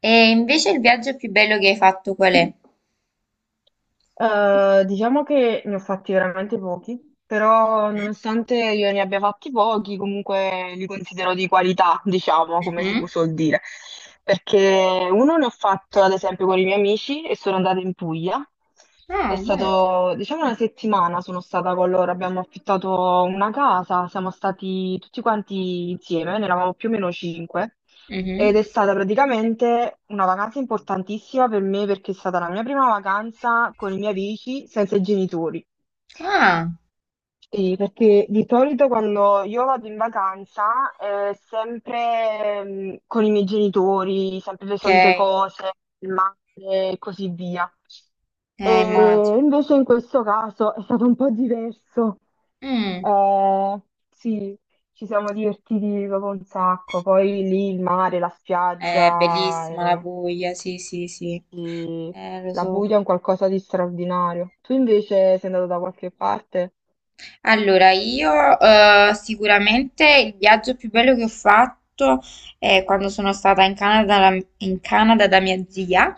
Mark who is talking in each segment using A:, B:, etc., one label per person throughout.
A: E invece il viaggio più bello che hai fatto qual è?
B: Diciamo che ne ho fatti veramente pochi, però nonostante io ne abbia fatti pochi, comunque li considero di qualità, diciamo, come si
A: Mhm.
B: suol dire. Perché uno ne ho fatto ad esempio con i miei amici e sono andata in Puglia. È
A: Ah, bello.
B: stato, diciamo, una settimana sono stata con loro, abbiamo affittato una casa, siamo stati tutti quanti insieme, ne eravamo più o meno cinque. Ed è
A: Mhm.
B: stata praticamente una vacanza importantissima per me perché è stata la mia prima vacanza con i miei amici senza i genitori.
A: Ah,
B: Sì, perché di solito quando io vado in vacanza, sempre con i miei genitori, sempre le
A: ok.
B: solite cose, il mare e così via. E
A: Immagino.
B: invece in questo caso è stato un po' diverso.
A: Mm.
B: Eh, sì, ci siamo divertiti proprio un sacco. Poi lì il mare, la
A: È
B: spiaggia,
A: bellissima la Puglia, sì, sì, sì.
B: sì,
A: Lo
B: la
A: so.
B: Puglia è un qualcosa di straordinario. Tu invece sei andato da qualche parte?
A: Allora, io sicuramente il viaggio più bello che ho fatto è quando sono stata in Canada da mia zia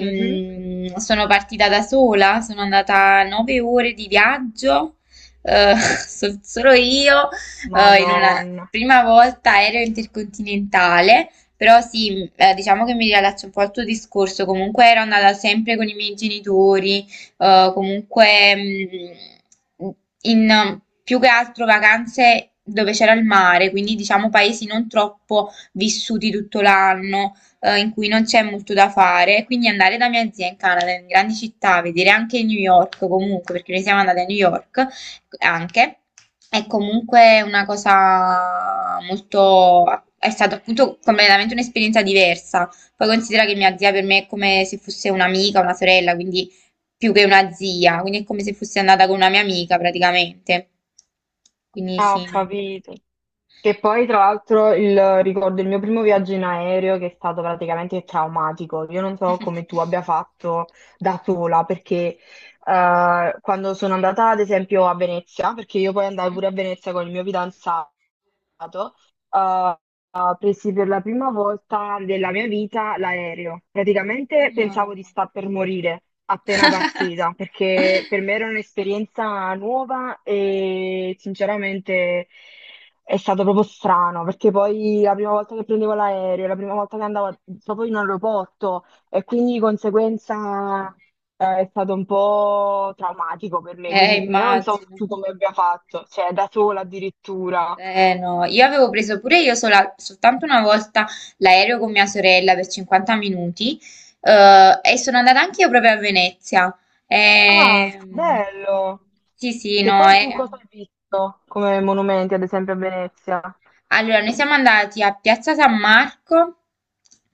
B: Mhm.
A: sono partita da sola, sono andata 9 ore di viaggio, eh, solo io, in una
B: Madonna.
A: prima volta aereo intercontinentale. Però sì, diciamo che mi riallaccio un po' al tuo discorso, comunque ero andata sempre con i miei genitori, comunque mh, in più che altro vacanze dove c'era il mare, quindi diciamo paesi non troppo vissuti tutto l'anno, in cui non c'è molto da fare. Quindi andare da mia zia in Canada, in grandi città, vedere anche New York comunque, perché noi siamo andate a New York anche, è comunque una cosa molto... È stata appunto completamente un'esperienza diversa. Poi considera che mia zia per me è come se fosse un'amica, una sorella, quindi più che una zia, quindi è come se fossi andata con una mia amica praticamente. Quindi
B: Ah, ho
A: sì.
B: capito. Che poi, tra l'altro, ricordo il mio primo viaggio in aereo che è stato praticamente traumatico. Io non so come tu abbia fatto da sola, perché quando sono andata, ad esempio, a Venezia, perché io poi andavo pure a Venezia con il mio fidanzato, eh, presi per la prima volta della mia vita l'aereo. Praticamente
A: Mhm. Oh,
B: pensavo di
A: mamma.
B: sta per morire appena partita, perché per me era un'esperienza nuova e sinceramente. È stato proprio strano, perché poi la prima volta che prendevo l'aereo, la prima volta che andavo proprio in aeroporto e quindi di conseguenza è stato un po' traumatico per me, quindi io non so
A: Immagino.
B: tu come abbia fatto, cioè da sola addirittura.
A: Eh no, io avevo preso pure io soltanto una volta l'aereo con mia sorella per 50 minuti e sono andata anche io proprio a Venezia.
B: Ah,
A: Ehm,
B: bello!
A: sì, sì,
B: Che
A: no,
B: poi tu
A: eh.
B: cosa hai visto come monumenti, ad esempio a Venezia?
A: Allora, noi siamo andati a Piazza San Marco,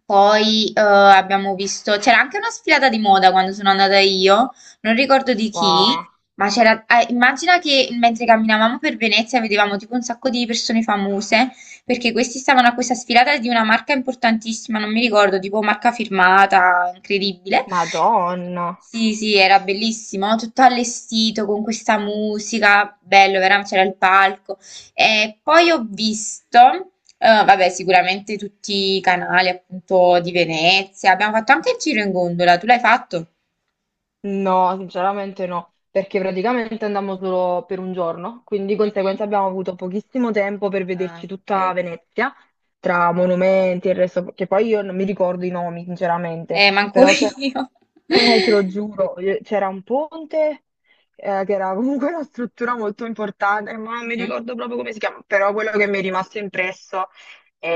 A: poi abbiamo visto, c'era anche una sfilata di moda quando sono andata io, non ricordo di chi,
B: Wow,
A: ma c'era, immagina che mentre camminavamo per Venezia vedevamo tipo un sacco di persone famose, perché questi stavano a questa sfilata di una marca importantissima, non mi ricordo, tipo marca firmata, incredibile.
B: Madonna!
A: Sì, sì, era bellissimo, tutto allestito con questa musica, bello, veramente c'era il palco. E poi ho visto, vabbè, sicuramente tutti i canali appunto di Venezia. Abbiamo fatto anche il giro in gondola. Tu l'hai fatto?
B: No, sinceramente no, perché praticamente andammo solo per un giorno, quindi di
A: Mhm.
B: conseguenza abbiamo avuto pochissimo tempo per
A: Ah,
B: vederci
A: ok.
B: tutta Venezia, tra monumenti e il resto, che poi io non mi ricordo i nomi, sinceramente,
A: Manco
B: però c'erano
A: io.
B: te lo giuro, c'era un ponte che era comunque una struttura molto importante, ma non mi
A: Mhm.
B: ricordo proprio come si chiama, però quello che mi è rimasto impresso è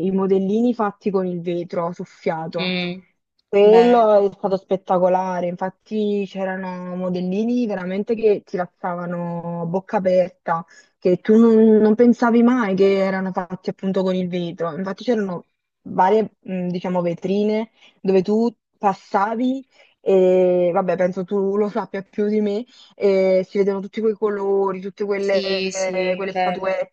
B: i modellini fatti con il vetro soffiato.
A: Mm,
B: Quello è
A: bello.
B: stato spettacolare, infatti c'erano modellini veramente che ti lasciavano a bocca aperta, che tu non pensavi mai che erano fatti appunto con il vetro. Infatti c'erano varie, diciamo, vetrine dove tu passavi. E vabbè, penso tu lo sappia più di me. E si vedono tutti quei colori, tutte quelle,
A: Sì, sì,
B: quelle
A: bello.
B: statuette.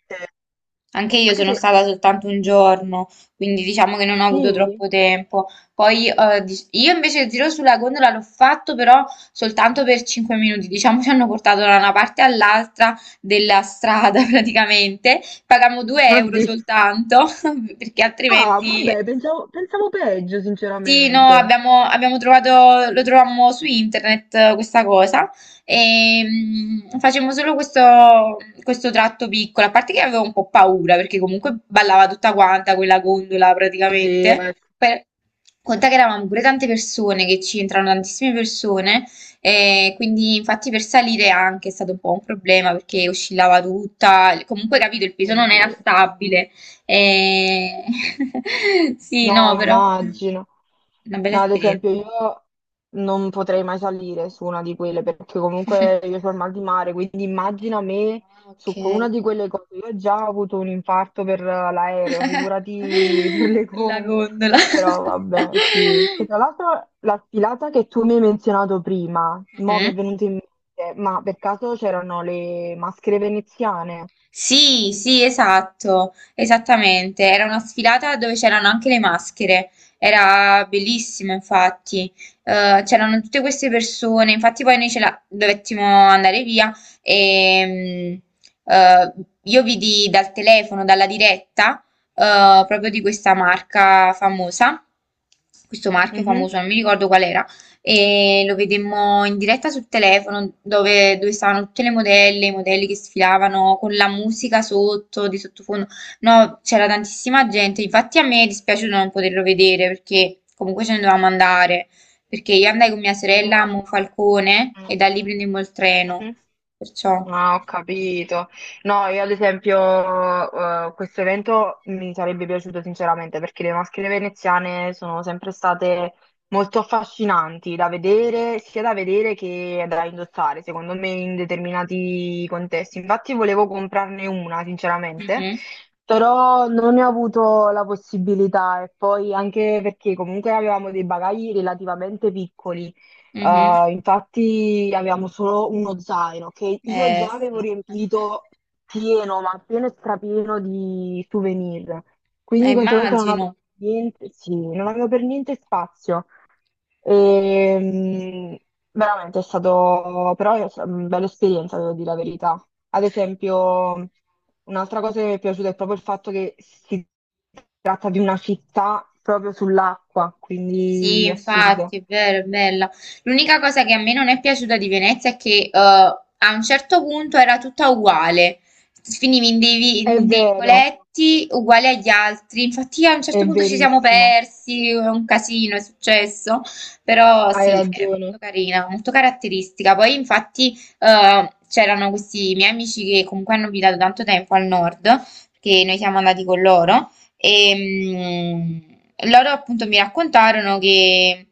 A: Anche io
B: Anche
A: sono
B: se
A: stata soltanto un giorno, quindi diciamo che non ho avuto
B: sì,
A: troppo tempo. Poi io invece il giro sulla gondola l'ho fatto però soltanto per 5 minuti, diciamo ci hanno portato da una parte all'altra della strada praticamente, pagammo 2 euro
B: oddio.
A: soltanto perché
B: Ah,
A: altrimenti
B: vabbè, pensavo, pensavo peggio,
A: sì, no,
B: sinceramente.
A: abbiamo, abbiamo trovato, lo trovammo su internet questa cosa e facemmo solo questo, questo tratto piccolo, a parte che avevo un po' paura perché comunque ballava tutta quanta quella gondola praticamente,
B: Oddio, ecco,
A: per, conta che eravamo pure tante persone, che ci entrano tantissime persone e quindi infatti per salire anche è stato un po' un problema perché oscillava tutta, comunque capito il peso non era
B: oddio.
A: stabile e... sì,
B: No,
A: no, però...
B: immagino.
A: Una bella
B: No, ad esempio
A: esperienza.
B: io non potrei mai salire su una di quelle perché comunque io ho il mal di mare, quindi immagina me
A: Ah, ok.
B: su una di quelle cose. Io ho già avuto un infarto per l'aereo, figurati per le
A: La
B: con.
A: gondola.
B: Però vabbè, sì. Che tra l'altro la sfilata che tu mi hai menzionato prima, mo mi è
A: Mhm.
B: venuto in mente, ma per caso c'erano le maschere veneziane?
A: Sì, sì, esatto, esattamente. Era una sfilata dove c'erano anche le maschere. Era bellissimo, infatti. C'erano tutte queste persone. Infatti, poi noi ce la dovettimo andare via. E, mm, eh, io vidi dal telefono, dalla diretta, proprio di questa marca famosa. Questo marchio
B: Mhm.
A: famoso, non mi ricordo qual era e lo vedemmo in diretta sul telefono dove, dove stavano tutte le modelle, i modelli che sfilavano con la musica sotto, di sottofondo. No, c'era tantissima gente, infatti a me è dispiaciuto non poterlo vedere perché comunque ce ne dovevamo andare, perché io andai con mia
B: Io
A: sorella
B: no.
A: a Monfalcone e
B: Mm.
A: da lì prendemmo il treno,
B: Mhm.
A: perciò...
B: Ah, ho capito. No, io ad esempio, questo evento mi sarebbe piaciuto sinceramente perché le maschere veneziane sono sempre state molto affascinanti da vedere, sia da vedere che da indossare, secondo me, in determinati contesti. Infatti volevo comprarne una, sinceramente,
A: Mhm,
B: però non ne ho avuto la possibilità e poi anche perché comunque avevamo dei bagagli relativamente piccoli.
A: mhm.
B: Infatti avevamo solo uno zaino che io
A: Eh
B: già
A: sì,
B: avevo riempito pieno, ma pieno e strapieno di souvenir. Quindi di conseguenza non avevo
A: immagino.
B: niente, sì, non avevo per niente spazio. E, veramente è stato però è stata una bella esperienza, devo dire la verità. Ad esempio, un'altra cosa che mi è piaciuta è proprio il fatto che si tratta di una città proprio sull'acqua,
A: Sì,
B: quindi
A: infatti,
B: assurdo.
A: è vero, è bella. L'unica cosa che a me non è piaciuta di Venezia è che a un certo punto era tutta uguale. Finivi
B: È
A: in dei
B: vero,
A: vicoletti uguali agli altri. Infatti, a un
B: è
A: certo punto ci siamo
B: verissimo,
A: persi, è un casino, è successo. Però
B: hai
A: sì, è molto
B: ragione,
A: carina, molto caratteristica. Poi, infatti, c'erano questi miei amici che comunque hanno abitato tanto tempo al nord, perché noi siamo andati con loro. E loro appunto mi raccontarono che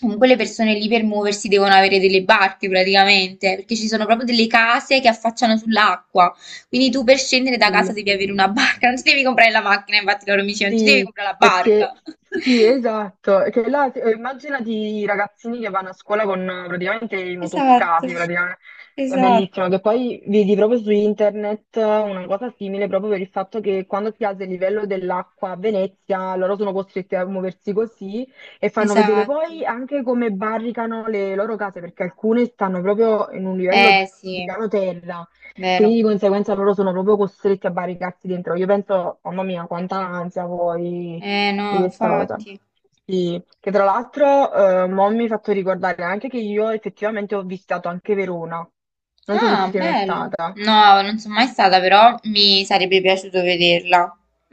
A: comunque le persone lì per muoversi devono avere delle barche praticamente, perché ci sono proprio delle case che affacciano sull'acqua. Quindi tu per scendere da casa
B: sì,
A: devi avere una barca, non ti devi comprare la macchina, infatti loro mi dicevano, tu devi
B: sì,
A: comprare la
B: perché
A: barca.
B: sì, esatto, che là, immaginati i ragazzini che vanno a scuola con praticamente i
A: Esatto,
B: motoscafi, praticamente, è bellissimo,
A: esatto.
B: che poi vedi proprio su internet una cosa simile proprio per il fatto che quando si alza il livello dell'acqua a Venezia, loro sono costretti a muoversi così e fanno vedere
A: Esatto.
B: poi anche come barricano le loro case, perché alcune stanno proprio in un livello
A: Eh
B: di
A: sì,
B: piano terra. Quindi
A: vero.
B: di conseguenza loro sono proprio costretti a barricarsi dentro. Io penso, mamma mia, quanta ansia poi
A: Eh
B: di
A: no,
B: questa cosa.
A: infatti.
B: Sì, che tra l'altro mo mi hai fatto ricordare anche che io effettivamente ho visitato anche Verona. Non so se ci
A: Ah,
B: sei mai
A: bello.
B: stata.
A: No, non sono mai stata, però mi sarebbe piaciuto vederla.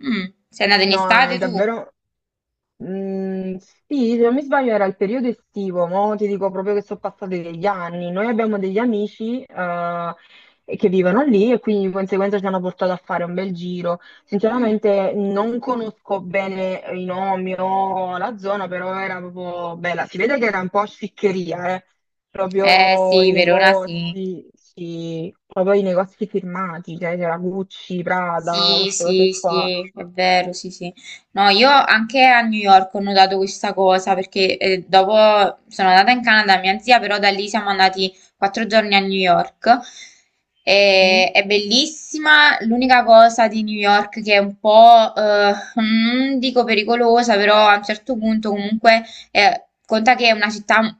A: Mm, sei andata in
B: No, è
A: estate tu?
B: davvero. Mm, sì, se non mi sbaglio era il periodo estivo, mo ti dico proprio che sono passati degli anni. Noi abbiamo degli amici che vivono lì e quindi di conseguenza ci hanno portato a fare un bel giro. Sinceramente non conosco bene i nomi o la zona, però era proprio bella. Si vede che era un po' sciccheria, eh.
A: Eh
B: Proprio
A: sì,
B: i
A: Verona sì.
B: negozi, sì, proprio i negozi firmati, cioè c'era Gucci, Prada,
A: Sì,
B: queste
A: sì,
B: cose qua.
A: sì, è vero, sì, sì. No, io anche a New York ho notato questa cosa perché dopo sono andata in Canada, mia zia, però da lì siamo andati 4 giorni a New York.
B: Mm,
A: E- è bellissima. L'unica cosa di New York che è un po', non dico pericolosa, però a un certo punto comunque conta che è una città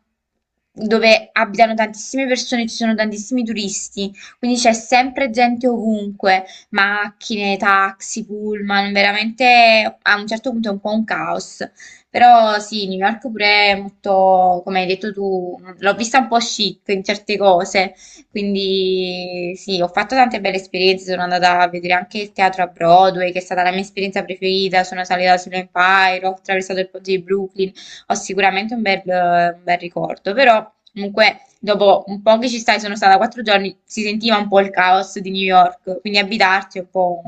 A: dove abitano tantissime persone, ci sono tantissimi turisti, quindi c'è sempre gente ovunque macchine, taxi, pullman, veramente a un certo punto è un po' un caos. Però sì, New York pure è molto, come hai detto tu, l'ho vista un po' chic in certe cose, quindi sì, ho fatto tante belle esperienze, sono andata a vedere anche il teatro a Broadway, che è stata la mia esperienza preferita, sono salita sull'Empire, ho attraversato il ponte di Brooklyn, ho sicuramente un bel ricordo, però comunque dopo un po' che ci stai, sono stata 4 giorni, si sentiva un po' il caos di New York, quindi abitarci è un po'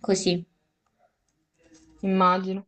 A: così.
B: immagino.